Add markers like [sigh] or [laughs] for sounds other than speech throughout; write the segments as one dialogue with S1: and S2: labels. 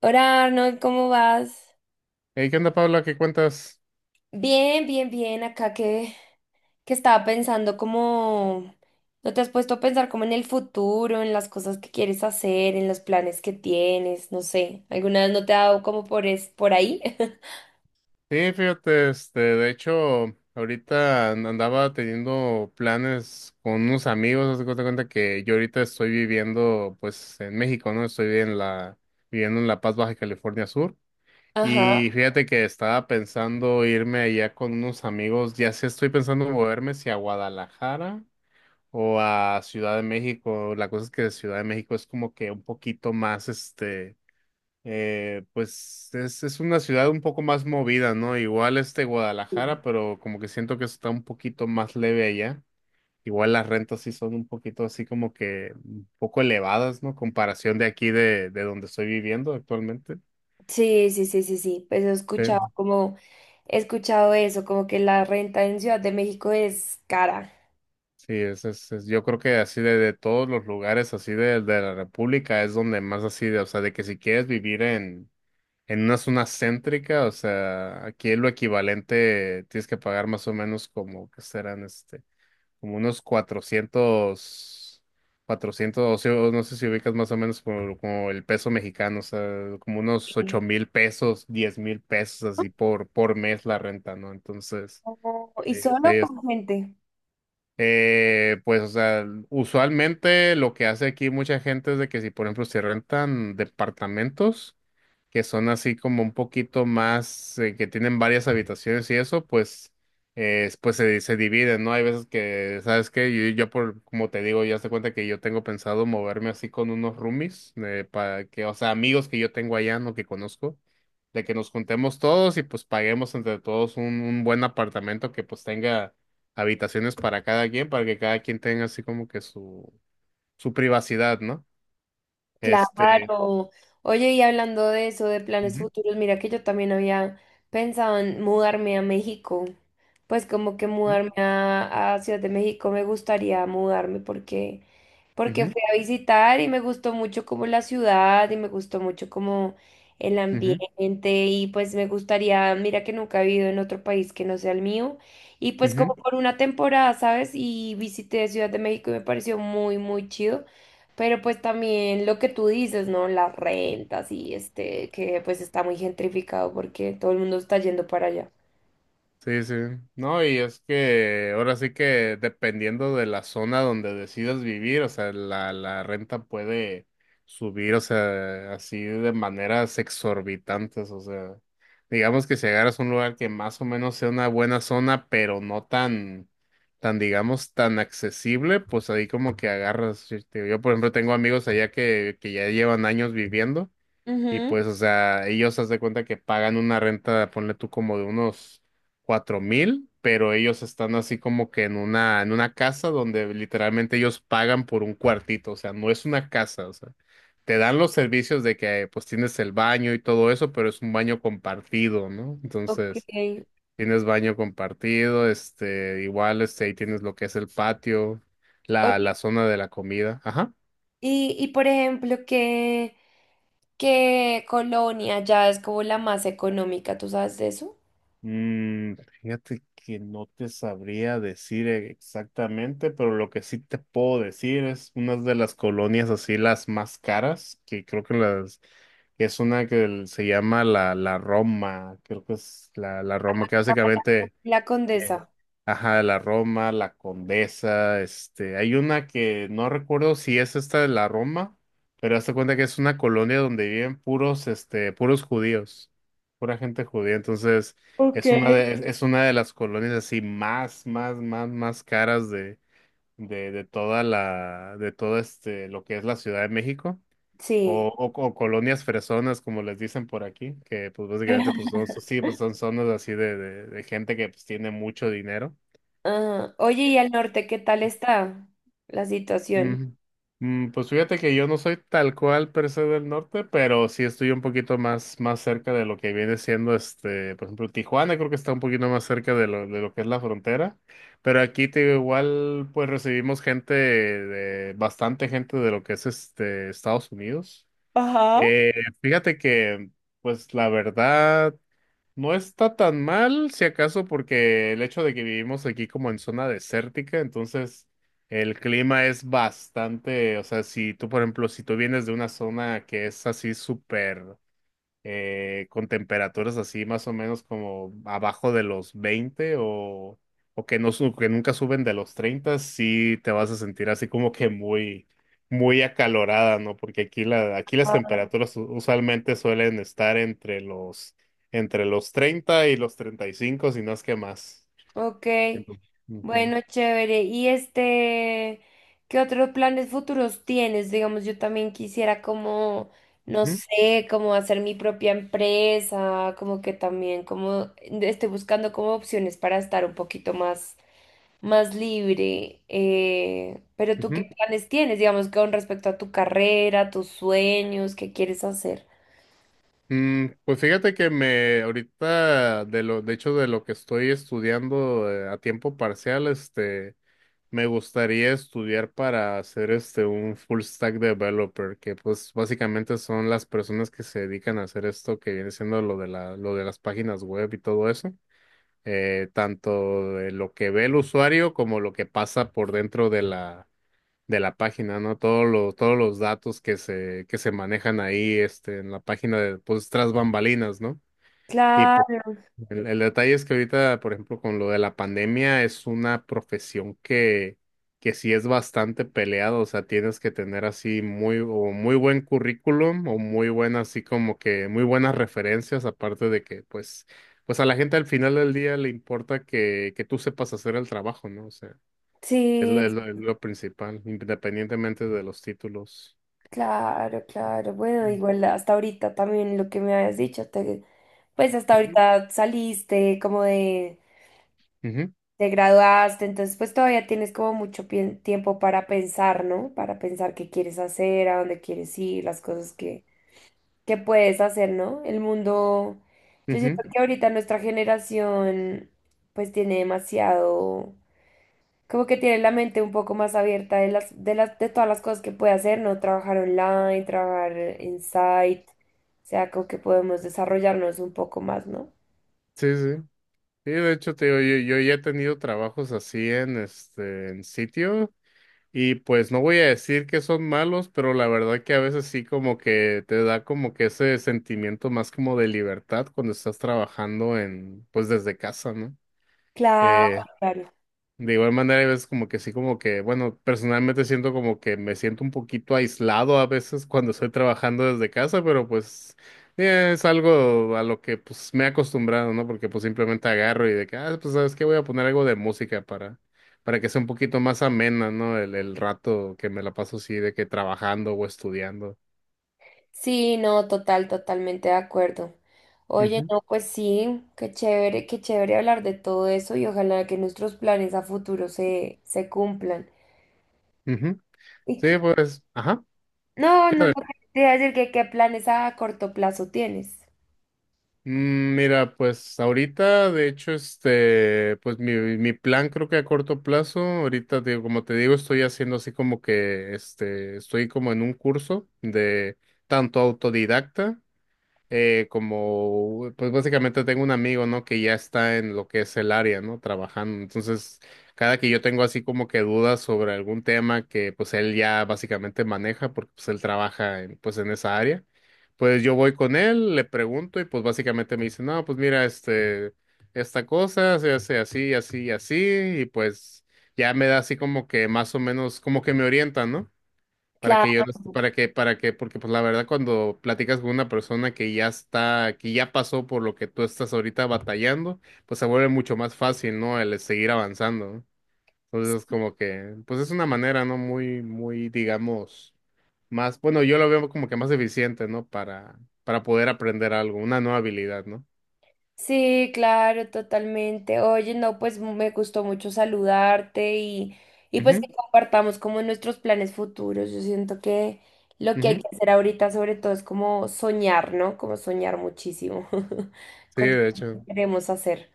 S1: Hola Arnold, ¿cómo vas?
S2: Hey, ¿qué onda, Paula? ¿Qué cuentas?
S1: Bien. Acá que estaba pensando como... ¿No te has puesto a pensar como en el futuro, en las cosas que quieres hacer, en los planes que tienes? No sé. ¿Alguna vez no te ha dado como por ahí? [laughs]
S2: Sí, fíjate, de hecho, ahorita andaba teniendo planes con unos amigos, haz de cuenta que yo ahorita estoy viviendo, pues, en México, ¿no? Viviendo en La Paz, Baja California Sur,
S1: Ajá.
S2: y fíjate que estaba pensando irme allá con unos amigos, ya sé, estoy pensando moverme si a Guadalajara o a Ciudad de México. La cosa es que Ciudad de México es como que un poquito más, pues es una ciudad un poco más movida, ¿no? Igual este Guadalajara, pero como que siento que está un poquito más leve allá. Igual las rentas sí son un poquito así como que un poco elevadas, ¿no? Comparación de aquí de donde estoy viviendo actualmente.
S1: Sí, pues he escuchado
S2: Eh,
S1: como... He escuchado eso, como que la renta en Ciudad de México es cara.
S2: Sí, yo creo que así de todos los lugares así de la República es donde más así de, o sea, de que si quieres vivir en una zona céntrica, o sea, aquí es lo equivalente. Tienes que pagar más o menos como que serán este. Como unos 400 400, no sé si ubicas más o menos como, como el peso mexicano, o sea, como unos ocho
S1: Sí.
S2: mil pesos, 10,000 pesos así por mes la renta, ¿no? Entonces,
S1: Oh, ¿y
S2: ahí,
S1: solo con gente?
S2: pues, o sea, usualmente lo que hace aquí mucha gente es de que si, por ejemplo, se rentan departamentos que son así como un poquito más, que tienen varias habitaciones y eso, pues, pues se dividen, ¿no? Hay veces que, ¿sabes qué? Yo por, como te digo, ya se cuenta que yo tengo pensado moverme así con unos roomies, para que, o sea, amigos que yo tengo allá, no que conozco, de que nos juntemos todos y pues paguemos entre todos un buen apartamento que pues tenga habitaciones para cada quien, para que cada quien tenga así como que su privacidad, ¿no? Este.
S1: Claro. Oye, y hablando de eso, de planes
S2: Ujú,
S1: futuros, mira que yo también había pensado en mudarme a México. Pues como que
S2: ujú,
S1: mudarme a Ciudad de México me gustaría mudarme porque fui a visitar y me gustó mucho como la ciudad y me gustó mucho como el
S2: ujú,
S1: ambiente y pues me gustaría, mira que nunca he vivido en otro país que no sea el mío y
S2: ujú,
S1: pues como
S2: ujú.
S1: por una temporada, ¿sabes? Y visité Ciudad de México y me pareció muy chido. Pero pues también lo que tú dices, ¿no? Las rentas y este, que pues está muy gentrificado porque todo el mundo está yendo para allá.
S2: Sí, sí. No, y es que ahora sí que dependiendo de la zona donde decidas vivir, o sea, la renta puede subir, o sea, así de maneras exorbitantes. O sea, digamos que si agarras un lugar que más o menos sea una buena zona, pero no tan, tan, digamos, tan accesible, pues ahí como que agarras, por ejemplo tengo amigos allá que ya llevan años viviendo. Y
S1: Ujú,
S2: pues, o sea, ellos haz de cuenta que pagan una renta, ponle tú como de unos 4,000, pero ellos están así como que en una casa donde literalmente ellos pagan por un cuartito, o sea, no es una casa, o sea, te dan los servicios de que pues tienes el baño y todo eso, pero es un baño compartido, ¿no?
S1: ok.
S2: Entonces, tienes baño compartido, igual, ahí tienes lo que es el patio,
S1: Oye,
S2: la zona de la comida, ajá.
S1: y por ejemplo, ¿ qué colonia ya es como la más económica? ¿Tú sabes de eso?
S2: Mm, fíjate que no te sabría decir exactamente, pero lo que sí te puedo decir es una de las colonias así las más caras, que creo que las que es una que se llama la Roma. Creo que es la Roma, que
S1: Ah,
S2: básicamente
S1: La
S2: bien.
S1: Condesa.
S2: Ajá, la Roma, la Condesa, este, hay una que no recuerdo si es esta de la Roma, pero hazte cuenta que es una colonia donde viven puros, este, puros judíos, pura gente judía. Entonces
S1: Ok.
S2: es es una de las colonias así más, más, más, más caras de toda de todo este, lo que es la Ciudad de México.
S1: Sí.
S2: O colonias fresonas, como les dicen por aquí, que pues básicamente pues son,
S1: [laughs]
S2: sí, pues son zonas así de gente que pues tiene mucho dinero.
S1: Ajá. Oye, ¿y al norte qué tal está la situación?
S2: Ujú. Mm, pues fíjate que yo no soy tal cual per se del norte, pero sí estoy un poquito más, más cerca de lo que viene siendo este, por ejemplo, Tijuana creo que está un poquito más cerca de de lo que es la frontera, pero aquí te digo, igual pues recibimos gente de, bastante gente de lo que es este Estados Unidos. Eh, fíjate que, pues la verdad, no está tan mal, si acaso, porque el hecho de que vivimos aquí como en zona desértica. Entonces el clima es bastante, o sea, si tú, por ejemplo, si tú vienes de una zona que es así súper con temperaturas así más o menos como abajo de los 20 o que, no, que nunca suben de los 30, sí te vas a sentir así como que muy, muy acalorada, ¿no? Porque aquí, la, aquí las
S1: Ah.
S2: temperaturas usualmente suelen estar entre entre los 30 y los 35, si no es que más.
S1: Ok.
S2: Ento- Ujú,
S1: Bueno, chévere. Y este, ¿qué otros planes futuros tienes? Digamos, yo también quisiera como, no
S2: ujú,
S1: sé, como hacer mi propia empresa, como que también, como estoy buscando como opciones para estar un poquito más, más libre. Pero tú, ¿qué
S2: ujú.
S1: planes tienes? Digamos, con respecto a tu carrera, tus sueños, ¿qué quieres hacer?
S2: Mm, pues fíjate que me ahorita de lo de hecho de lo que estoy estudiando a tiempo parcial este me gustaría estudiar para ser este un full stack developer, que pues básicamente son las personas que se dedican a hacer esto que viene siendo lo de lo de las páginas web y todo eso. Tanto de lo que ve el usuario como lo que pasa por dentro de de la página, ¿no? Todos los datos que se manejan ahí, este, en la página de, pues, tras bambalinas, ¿no?
S1: Claro,
S2: El detalle es que ahorita, por ejemplo, con lo de la pandemia, es una profesión que sí es bastante peleada, o sea, tienes que tener así muy, o muy buen currículum o muy buena, así como que muy buenas referencias, aparte de que, pues, pues a la gente al final del día le importa que tú sepas hacer el trabajo, ¿no? O sea,
S1: sí.
S2: es lo principal, independientemente de los títulos.
S1: Claro. Bueno,
S2: Mm.
S1: igual hasta ahorita también lo que me habías dicho, pues hasta
S2: Ujú,
S1: ahorita saliste, como de,
S2: ujú,
S1: te graduaste, entonces pues todavía tienes como tiempo para pensar, ¿no? Para pensar qué quieres hacer, a dónde quieres ir, las cosas que puedes hacer, ¿no? El mundo, yo siento
S2: ujú.
S1: que ahorita nuestra generación pues tiene demasiado como que tiene la mente un poco más abierta de de todas las cosas que puede hacer, ¿no? Trabajar online, trabajar en site, o sea, como que podemos desarrollarnos un poco más, ¿no?
S2: Sí, sí. Sí, de hecho, te digo, yo ya he tenido trabajos así en este en sitio y pues no voy a decir que son malos, pero la verdad que a veces sí como que te da como que ese sentimiento más como de libertad cuando estás trabajando en pues desde casa, ¿no?
S1: Claro,
S2: Eh,
S1: claro.
S2: de igual manera, hay veces como que sí, como que, bueno, personalmente siento como que me siento un poquito aislado a veces cuando estoy trabajando desde casa, pero pues es algo a lo que pues me he acostumbrado, ¿no? Porque pues simplemente agarro y de que, ah, pues sabes qué, voy a poner algo de música para que sea un poquito más amena, ¿no? El rato que me la paso así de que trabajando o estudiando.
S1: Sí, no, totalmente de acuerdo. Oye,
S2: Ujú,
S1: no, pues sí, qué chévere hablar de todo eso y ojalá que nuestros planes a futuro se cumplan.
S2: ujú.
S1: Y
S2: Sí,
S1: que-
S2: pues, ajá.
S1: no,
S2: Sí,
S1: no, no, te iba a decir que qué planes a corto plazo tienes.
S2: mm, mira, pues ahorita, de hecho, pues mi plan creo que a corto plazo, ahorita, digo, como te digo, estoy haciendo así como que, este, estoy como en un curso de tanto autodidacta como, pues básicamente tengo un amigo, ¿no? Que ya está en lo que es el área, ¿no? Trabajando. Entonces, cada que yo tengo así como que dudas sobre algún tema que pues él ya básicamente maneja, porque pues él trabaja en, pues en esa área, pues yo voy con él, le pregunto y pues básicamente me dice, no, pues mira, este, esta cosa se hace así, así, y así, y pues ya me da así como que más o menos, como que me orienta, ¿no? Para que yo
S1: Claro.
S2: no est- para para que, porque pues la verdad cuando platicas con una persona que ya está, que ya pasó por lo que tú estás ahorita batallando, pues se vuelve mucho más fácil, ¿no? El seguir avanzando, ¿no? Entonces como que, pues es una manera, ¿no? Muy, muy, digamos, más, bueno, yo lo veo como que más eficiente, ¿no? Para poder aprender algo, una nueva habilidad, ¿no?
S1: Sí, claro, totalmente. Oye, no, pues me gustó mucho saludarte y pues
S2: Ujú,
S1: que compartamos como nuestros planes futuros. Yo siento que lo que hay
S2: ujú.
S1: que hacer ahorita sobre todo es como soñar, ¿no? Como soñar muchísimo [laughs]
S2: Sí,
S1: con todo
S2: de
S1: lo
S2: hecho.
S1: que queremos hacer.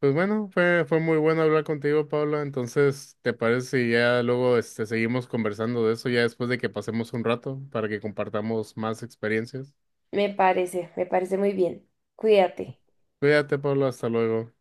S2: Pues bueno, fue muy bueno hablar contigo, Paula. Entonces, ¿te parece si ya luego este, seguimos conversando de eso ya después de que pasemos un rato para que compartamos más experiencias?
S1: Me parece muy bien. Cuídate.
S2: Cuídate, Paula, hasta luego.